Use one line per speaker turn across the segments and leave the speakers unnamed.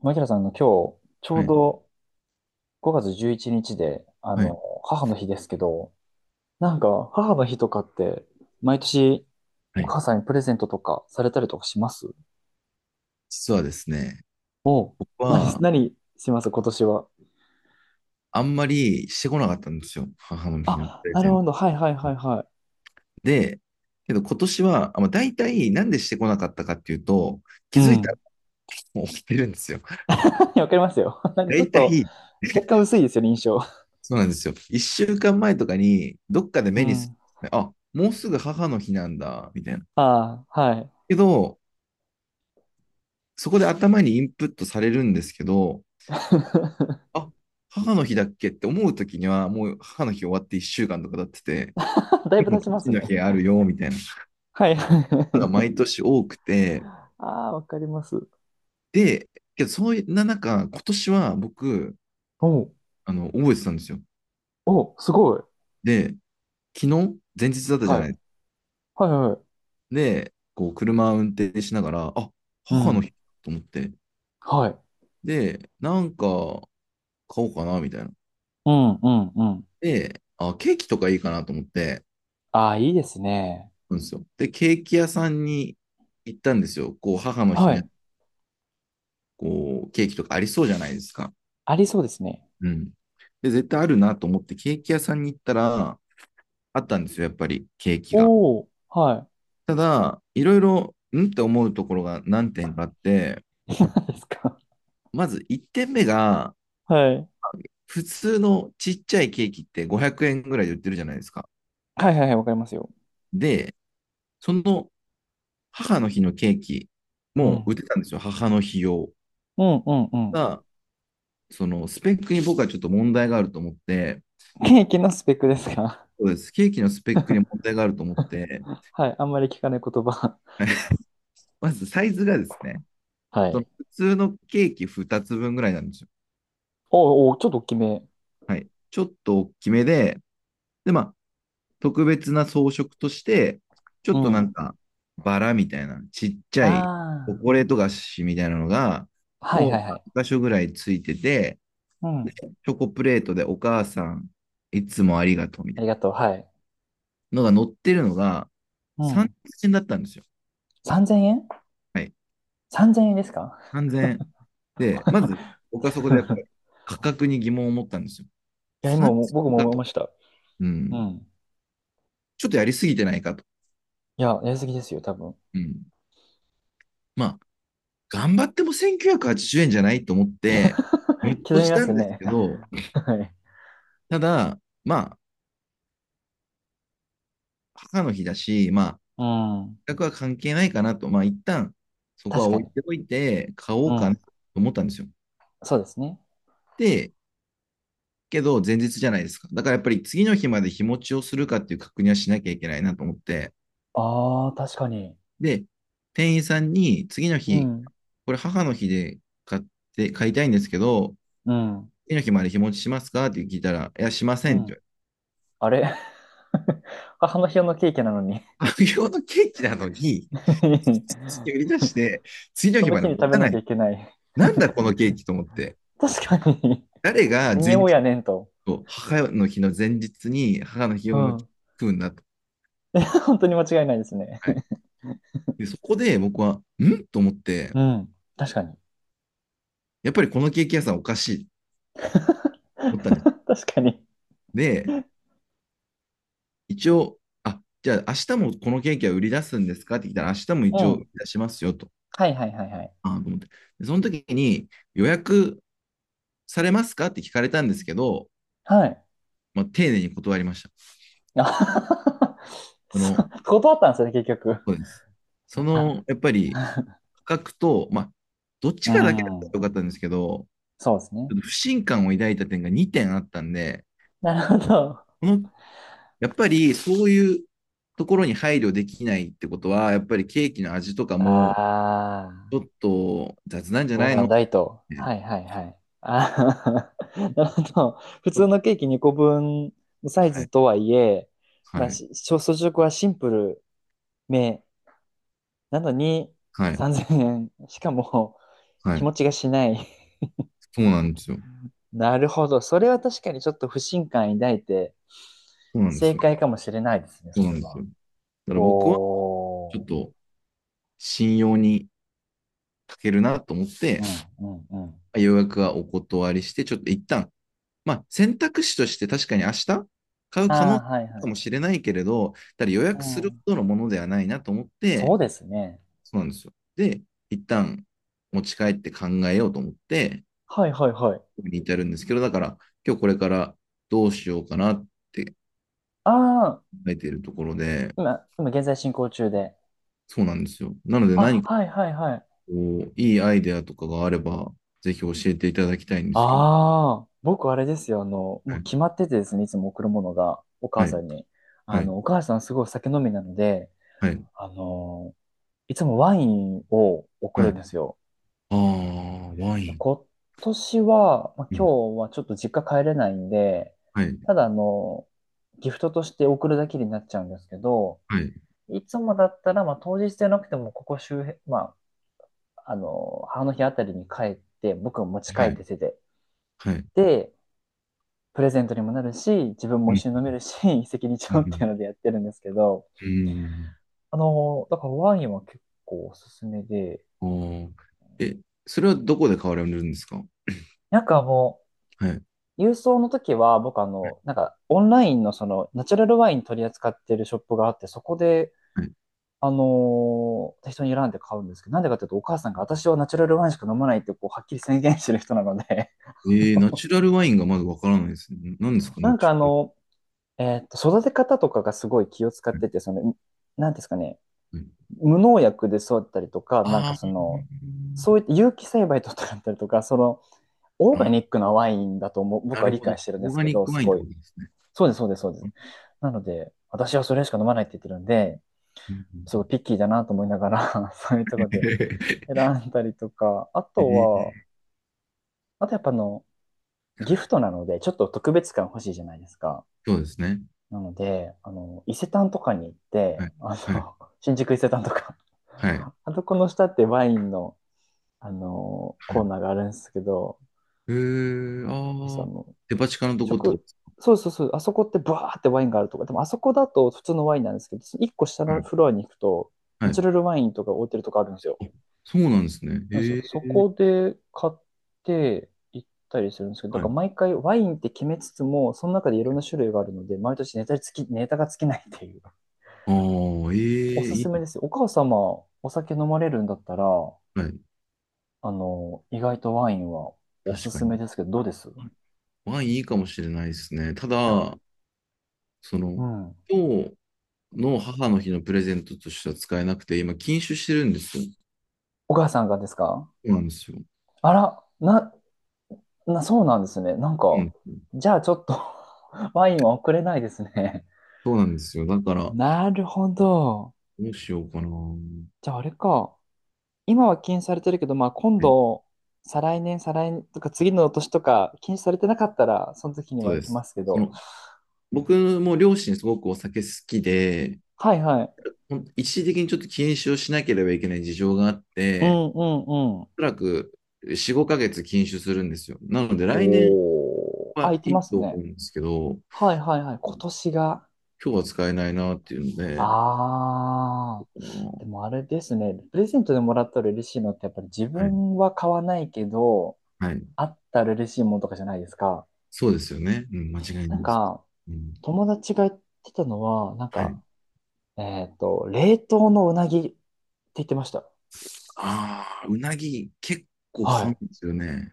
マキラさん、今日、ちょ
は
う
い。
ど5月11日で、
はい。
母の日ですけど、母の日とかって、毎年、
は
お
い。
母さんにプレゼントとかされたりとかします？
実はですね、
おう。
僕
何、
は
何します今年は？
あんまりしてこなかったんですよ。母の日の
あ、
プレ
なる
ゼン
ほ
ト。
ど。はいはいはいは
で、けど今年は、大体なんでしてこなかったかっていうと、
い。う
気づいたら
ん。
もう起きてるんですよ。
わかりますよ。ちょっ
大
と、
体、
血管薄いですよね、印象。
そうなんですよ。1週間前とかに、どっかで
う
目にす
ん。
る、あ、もうすぐ母の日なんだ、みたいな。
ああ、はい。
けど、そこで頭にインプットされるんですけど、あ、母の日だっけって思うときには、もう母の日終わって一週間とか経ってて、
だいぶ
父
経ちます
の
ね。
土だあるよ、みたいなこ
はいはい
とが
はい。
毎年多くて、
ああ、わかります。
で、けど、そんな中、今年は僕、
おう、
覚えてたんですよ。
おう、すごい。
で、昨日、前日だったじゃ
は
な
い。
い。
はいはい。
で、こう、車を運転しながら、あ、
う
母の日
ん。
と思って、
はい。
で、買おうかな、みたいな。
うんうんうん。
で、あ、ケーキとかいいかなと思って、
ああ、いいですね。
うんですよ。で、ケーキ屋さんに行ったんですよ。こう、母の日
は
ね、
い。
こう、ケーキとかありそうじゃないですか。
ありそうですね。
うん。で、絶対あるなと思って、ケーキ屋さんに行ったら、あったんですよ、やっぱり、ケーキが。
おお、は
ただ、いろいろ、んって思うところが何点かあって、
い。何ですか？
まず1点目が、
はい。
普通のちっちゃいケーキって500円ぐらいで売ってるじゃないですか。
はいはいはい、わかりますよ。
で、その母の日のケーキ
う
も売っ
ん。
てたんですよ、母の日用。
うんうんうん。
が、そのスペックに僕はちょっと問題があると思って、
ケーキのスペックですか？
そうです、ケーキのスペックに問題があると思って、
はい。あんまり聞かない言葉。
まずサイズがですね、
は
そ
い。
の普通のケーキ2つ分ぐらいなんですよ。
おーおー、ちょっと大きめ。
はい。ちょっと大きめで、で、まあ、特別な装飾として、ちょ
う
っとなん
ん。
か、バラみたいな、ちっちゃいチョ
あ
コレート菓子みたいなのが、
あ、はい
を
はい
2
はい。
箇所ぐらいついてて、
うん。
チョコプレートでお母さん、いつもありがとうみ
あ
たい
り
な
がとう。はい。
のが載ってるのが、
う
三
ん。
千円だったんですよ。
3000円？
はい。
3000 円ですか？
三千で、まず、僕はそこでや っぱり価格に疑問を持ったんですよ。
いや、今
三
も
千
僕も
0 0円か
思いま
と。
した。
う
う
ん。
ん。
ちょっとやりすぎてないかと。
いや、やりすぎですよ、多分。
うん。まあ、頑張っても1,980円じゅうえんじゃないと思って、ム ッと
刻み
し
ま
た
す
んです
ね。
けど、
はい。
ただ、まあ、母の日だし、まあ、
うん。
額は関係ないかなと、まあ、一旦、そこは
確か
置
に。
いておいて、買お
う
うかな
ん。
と思ったんですよ。
そうですね。
で、けど、前日じゃないですか。だからやっぱり次の日まで日持ちをするかっていう確認はしなきゃいけないなと思って、
ああ、確かに。
で、店員さんに次の
う
日、
ん。
これ母の日で買って、買いたいんですけど、
うん。
次の日まで日持ちしますかって聞いたら、いや、しま
う
せんって言
ん。あれ？ 母の日用のケーキなのに
われて。無日のケーキなのに、売り出して、次の
そ
日
の
ま
日
で
に
持
食べ
たな
なきゃ
い。
いけない？
なんだこの ケーキと思って。
確かに。
誰 が
何
前
を
日
やねんと。
と母の日の前日に母の日
う
用のケーキ
ん。
食うんだと。
本当に間違いないですね。
はい、でそこで僕は、んと思って、
うん。確かに。
やっぱりこのケーキ屋さんおかしいと思ったんです。
確かに。
で、一応、あ、じゃあ明日もこのケーキは売り出すんですかって聞いたら、明日も
う
一応売
ん。
り出しますよと。
はいはいはいはい。
あと思って。で、その時に予約されますかって聞かれたんですけど、
はい。
まあ、丁寧に断りました。
あ。
そ
そ
の、
う断ったんですよね、結局。
そうです。その、
あ、
やっぱり、価格と、まあ、どっち
う
かだけだったら
ん。
よかったんですけど、
そうです
ち
ね。
ょっと不信感を抱いた点が2点あったんで、
なるほど。
この、やっぱりそういうところに配慮できないってことは、やっぱりケーキの味とかも、
ああ、
ちょっと雑なんじゃ
どう
ない
な
の
ん
っ
だいと。
て、ち
はいはいはい。ああ、なるほど。普
ょ
通
っと
のケーキ2個分のサイ
は
ズ
い、
とはいえ、
は
まあ、
い、
小装飾はシンプルめなのに
はい、
3000円。しかも、
は
日
い。
持ちがしない。
そうなんですよ。
なるほど。それは確かにちょっと不信感抱いて、
そうなんで
正
すよ。
解かもしれないですね、
そ
そ
うな
れ
んです
は。
よ。だから僕は、ちょ
お
っ
ー。
と信用に書けるなと思って、
うん、うん、うん。
予約はお断りして、ちょっと一旦、まあ、選択肢として確かに明日買う
あ
可能
あ、
性
はいは
かも
い。
しれないけれど、ただ予
う
約する
ん。
ほどのものではないなと思っ
そ
て、
うですね。
そうなんですよ。で、一旦持ち帰って考えようと思って、
はいはいはい。
に至るんですけど、だから、今日これからどうしようかなって考
ああ、
えているところで、
今現在進行中で。
そうなんですよ。なので
あ、
何か
はいはいはい。
こう、いいアイデアとかがあれば、ぜひ教えていただきたいんですけど。
ああ、僕あれですよ。も
は
う
い、
決まっててですね、いつも贈るものが、お母
はい、
さんに。
はい、
お母さんすごい酒飲みなので、
はい。
あの、いつもワインを贈
はい
るんで
あ
すよ。
あ、ワイン。
今年は、まあ、
うん。
今日はちょっと実家帰れないんで、
はい。
ただギフトとして贈るだけになっちゃうんですけど、
はい。
いつもだったら、まあ、当日じゃなくても、ここ周辺、まあ、母の日あたりに帰って、僕を持ち帰
は
っ
い。
て手てて
はい。
で、プレゼントにもなるし、自分も
うん。
一緒に飲めるし、一石二
う
鳥ってい
ん。
うのでやってるんですけど、
うん
だからワインは結構おすすめで、
ああ。え、それはどこで買われるんですか？
も
はい。
う、郵送の時は僕オンラインのナチュラルワイン取り扱ってるショップがあって、そこで、
は
適当に選んで買うんですけど、なんでかっていうと、お母さんが、私はナチュラルワインしか飲まないって、こう、はっきり宣言してる人なので。
い。えー、ナチュラルワインがまだわからないですね。何です か、
な
ナ
ん
チ
かあ
ュラル
の、育て方とかがすごい気を使っ
ワイ
てて、なんですかね、
ン。
無農薬で育ったりとか、
はいはいあ
そ
ー
ういった有機栽培とかだったりとか、オーガ
あ、
ニックなワインだと思う、僕
な
は
る
理
ほど。
解してるんで
オー
す
ガ
け
ニッ
ど、
ク
す
ワインっ
ご
てこ
い。
とですね。
そうです、そうです、そうで
う
す。
ん
なので、私はそれしか飲まないって言ってるんで、
うんう
すご
ん
いピッキーだなと思いながら そういうところで 選んだりとか、あ
え
とは、
ー
あとやっぱギフトなので、ちょっと特別感欲しいじゃないですか。
そうですね。
なので、伊勢丹とかに行って、
はい。はい。
新宿伊勢丹とか、
はい。
あそこの下ってワインの、
は
コー
い
ナーがあるんですけど、
えー、
私
ああ、デパ地下のとこってこと
食、
です
そうそうそう、あそこってブワーってワインがあるとか、でもあそこだと普通のワインなんですけど、一個下のフ
か？
ロアに行くと、
は
ナチュ
い。
ラルワインとか置いてるとこあるんですよ。
あそうなんですね。
なんですよ。
え
そ
え
こで買って行ったりするんですけど、だ
は
か
い。
ら毎回ワインって決めつつも、その中でいろんな種類があるので、毎年ネタが尽きないっていう。
ああ、え
お
え
す
い
すめ
い。
ですよ。お母様、お酒飲まれるんだったら、
はい。
意外とワインはおす
確か
す
に。
めですけど、どうです？
はいワインいいかもしれないですね。た
あ、
だ、そ
う
の、
ん。
今日の母の日のプレゼントとしては使えなくて、今、禁酒してるんですよ。
お母さんがですか？
そうなんですよ。
あら、そうなんですね。
うん。
じゃあちょっと ワインは送れないですね。
そうなんですよ。だから、ど
なるほど。
うしようかな。
じゃああれか。今は禁止されてるけど、まあ今
え
度、再来年とか次の年とか禁止されてなかったら、その時に
そ
は
う
行
で
きま
す。
すけ
そ
ど。
の、僕も両親すごくお酒好きで、
はいはい。
一時的にちょっと禁酒をしなければいけない事情があっ
う
て、
んうんうん。
おそらく4、5ヶ月禁酒するんですよ。なので来年
おー。あ、
は
行き
いい
ます
と思
ね。
うんですけど、
はいはいはい。今年が。
今日は使えないなっていうので、
ああ。
あ
で
の
もあれですね。プレゼントでもらったら嬉しいのって、やっぱり自
はい、
分は買わないけど、
はい、
あったら嬉しいものとかじゃないですか。
そうですよね。うん、間違いない
なん
です。
か、
うん、
友達が言ってたのは、
はい。
冷凍のうなぎって言ってました。
ああ、うなぎ結構
は
買う
い。
んですよね。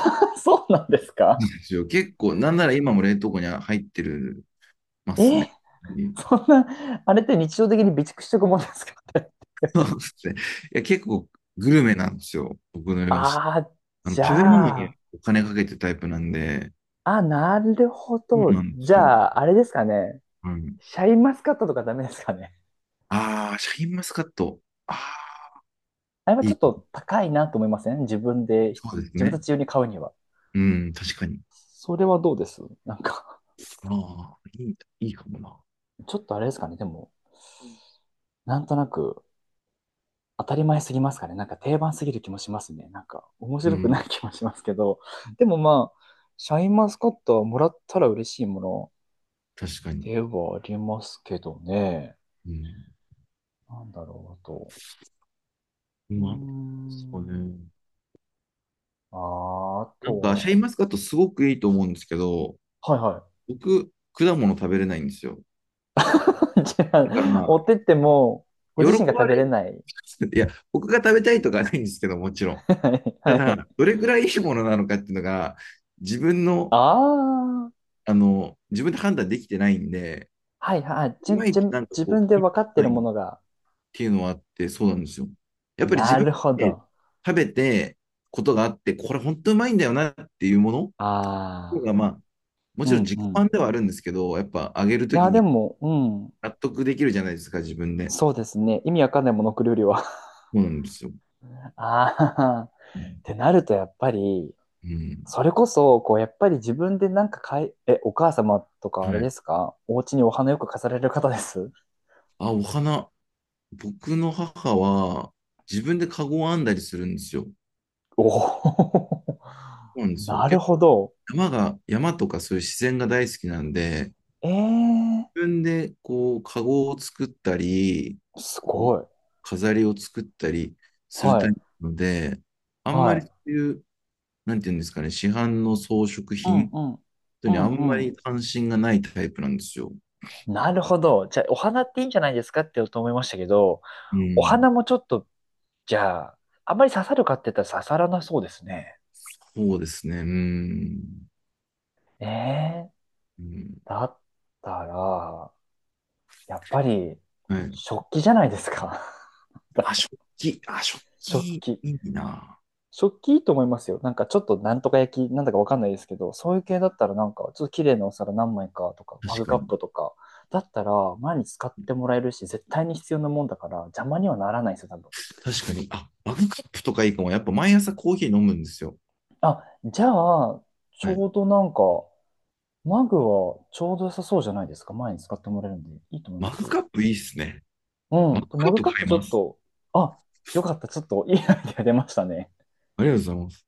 そうなんですか？
ですよ結構、なんなら今も冷凍庫には入ってるます
え、
ね。
そんな、あれって日常的に備蓄しとくもんですか？
そうですね。いや、結構グルメなんですよ、僕の両親。
ああ、
あの
じ
食べ物
ゃ
に
あ、
お金かけてるタイプなんで、
あ、なるほ
そう
ど。
なんで
じ
すよ。
ゃあ、あれですかね。
はい
シャインマスカットとかダメですかね？
ああ、シャインマスカット。ああ、
あれは
い
ちょ
い
っ
か。
と高いなと思いません？自分で、
そうです
自分た
ね。
ち用に買うには。
うん、確かに。
それはどうです？
ああ、いい、いいかもな。
ちょっとあれですかね。でも、なんとなく当たり前すぎますかね？定番すぎる気もしますね。面
う
白くな
ん、
い気もしますけど。でもまあ、シャインマスカットはもらったら嬉しいもの
確かに。
ではありますけどね。
うん。
なんだろう、あと。うー
まあ、そう
ん。
ね。
あー、あ
シャイ
と
ンマスカットすごくいいと思うんですけど、
は、はいは
僕、果物食べれないんですよ。
い。じゃ
だか
あ、持
ら、
ってっても、ご
喜
自身が食
ば
べ
れ
れ
る。
ない。
いや、僕が食べたいとかはないんですけど、もちろん。
はいは
た
い。
だ、どれくらいいいものなのかっていうのが、自分の、
ああ、
あの、自分で判断できてないんで、
はいはい。
い
じゅ、
まい
じ
ち
ゅ、
なんか
自
こう、
分で
ピン
分
と
か
こ
って
な
る
い
も
っ
のが、
ていうのはあって、そうなんですよ。やっぱり自
な
分
るほ
でね
ど。
食べてことがあって、これ本当うまいんだよなっていうものの方が、
ああ、
まあ、も
う
ちろん
ん
自己
う
満
ん。
ではあるんですけど、やっぱあげる
い
とき
や、で
に
も、うん、
納得できるじゃないですか、自分で。
そうですね。意味わかんないモノクロよりは。
そうなんですよ。
ああ、っ
うん。
てなると、やっぱり、
うん
それこそ、こう、やっぱり自分で買い、え、お母様とか
は
あれで
い。
すか？お家にお花よく飾られる方です？
あ、お花。僕の母は自分でカゴを編んだりするんですよ。そ
おお
うなんで
ー、
すよ。
なる
結
ほ
構
ど。
山とかそういう自然が大好きなんで、
ええ
自分でこう、カゴを作ったり、
ー、す
こう、
ごい。
飾りを作ったりする
は
タイ
い、
プなので、あんま
は
り
い。
そういう、なんていうんですかね、市販の装飾
うん
品
うん。
と
う
にあんま
んう
り
ん。
関心がないタイプなんですよ。
なるほど。じゃあ、お花っていいんじゃないですかって言おうと思いましたけど、
う
お
ん。
花もちょっと、じゃあ、あんまり刺さるかって言ったら刺さらなそうですね。
そうですね。うん。
ええー、
うん、
だったら、やっぱり、
はい。
食器じゃないですか。
あ、食器。あ、食
食
器、
器。
いいな。
食器いいと思いますよ。ちょっとなんとか焼き、なんだかわかんないですけど、そういう系だったらちょっと綺麗なお皿何枚かとか、マ
確
グ
か
カッ
に。
プとか、だったら前に使ってもらえるし、絶対に必要なもんだから邪魔にはならないですよ、多分。
確かに。あ、マグカップとかいいかも。やっぱ毎朝コーヒー飲むんですよ。
あ、じゃあ、ち
はい。
ょうどマグはちょうど良さそうじゃないですか。前に使ってもらえるんで、いいと思い
マ
ま
グ
すよ。
カップいいっすね。
う
マグ
ん。で
カ
マ
ッ
グ
プ
カ
買
ップ
い
ちょ
ま
っ
す。
と、あ、よかった。ちょっといいアイデア出ましたね。
ありがとうございます。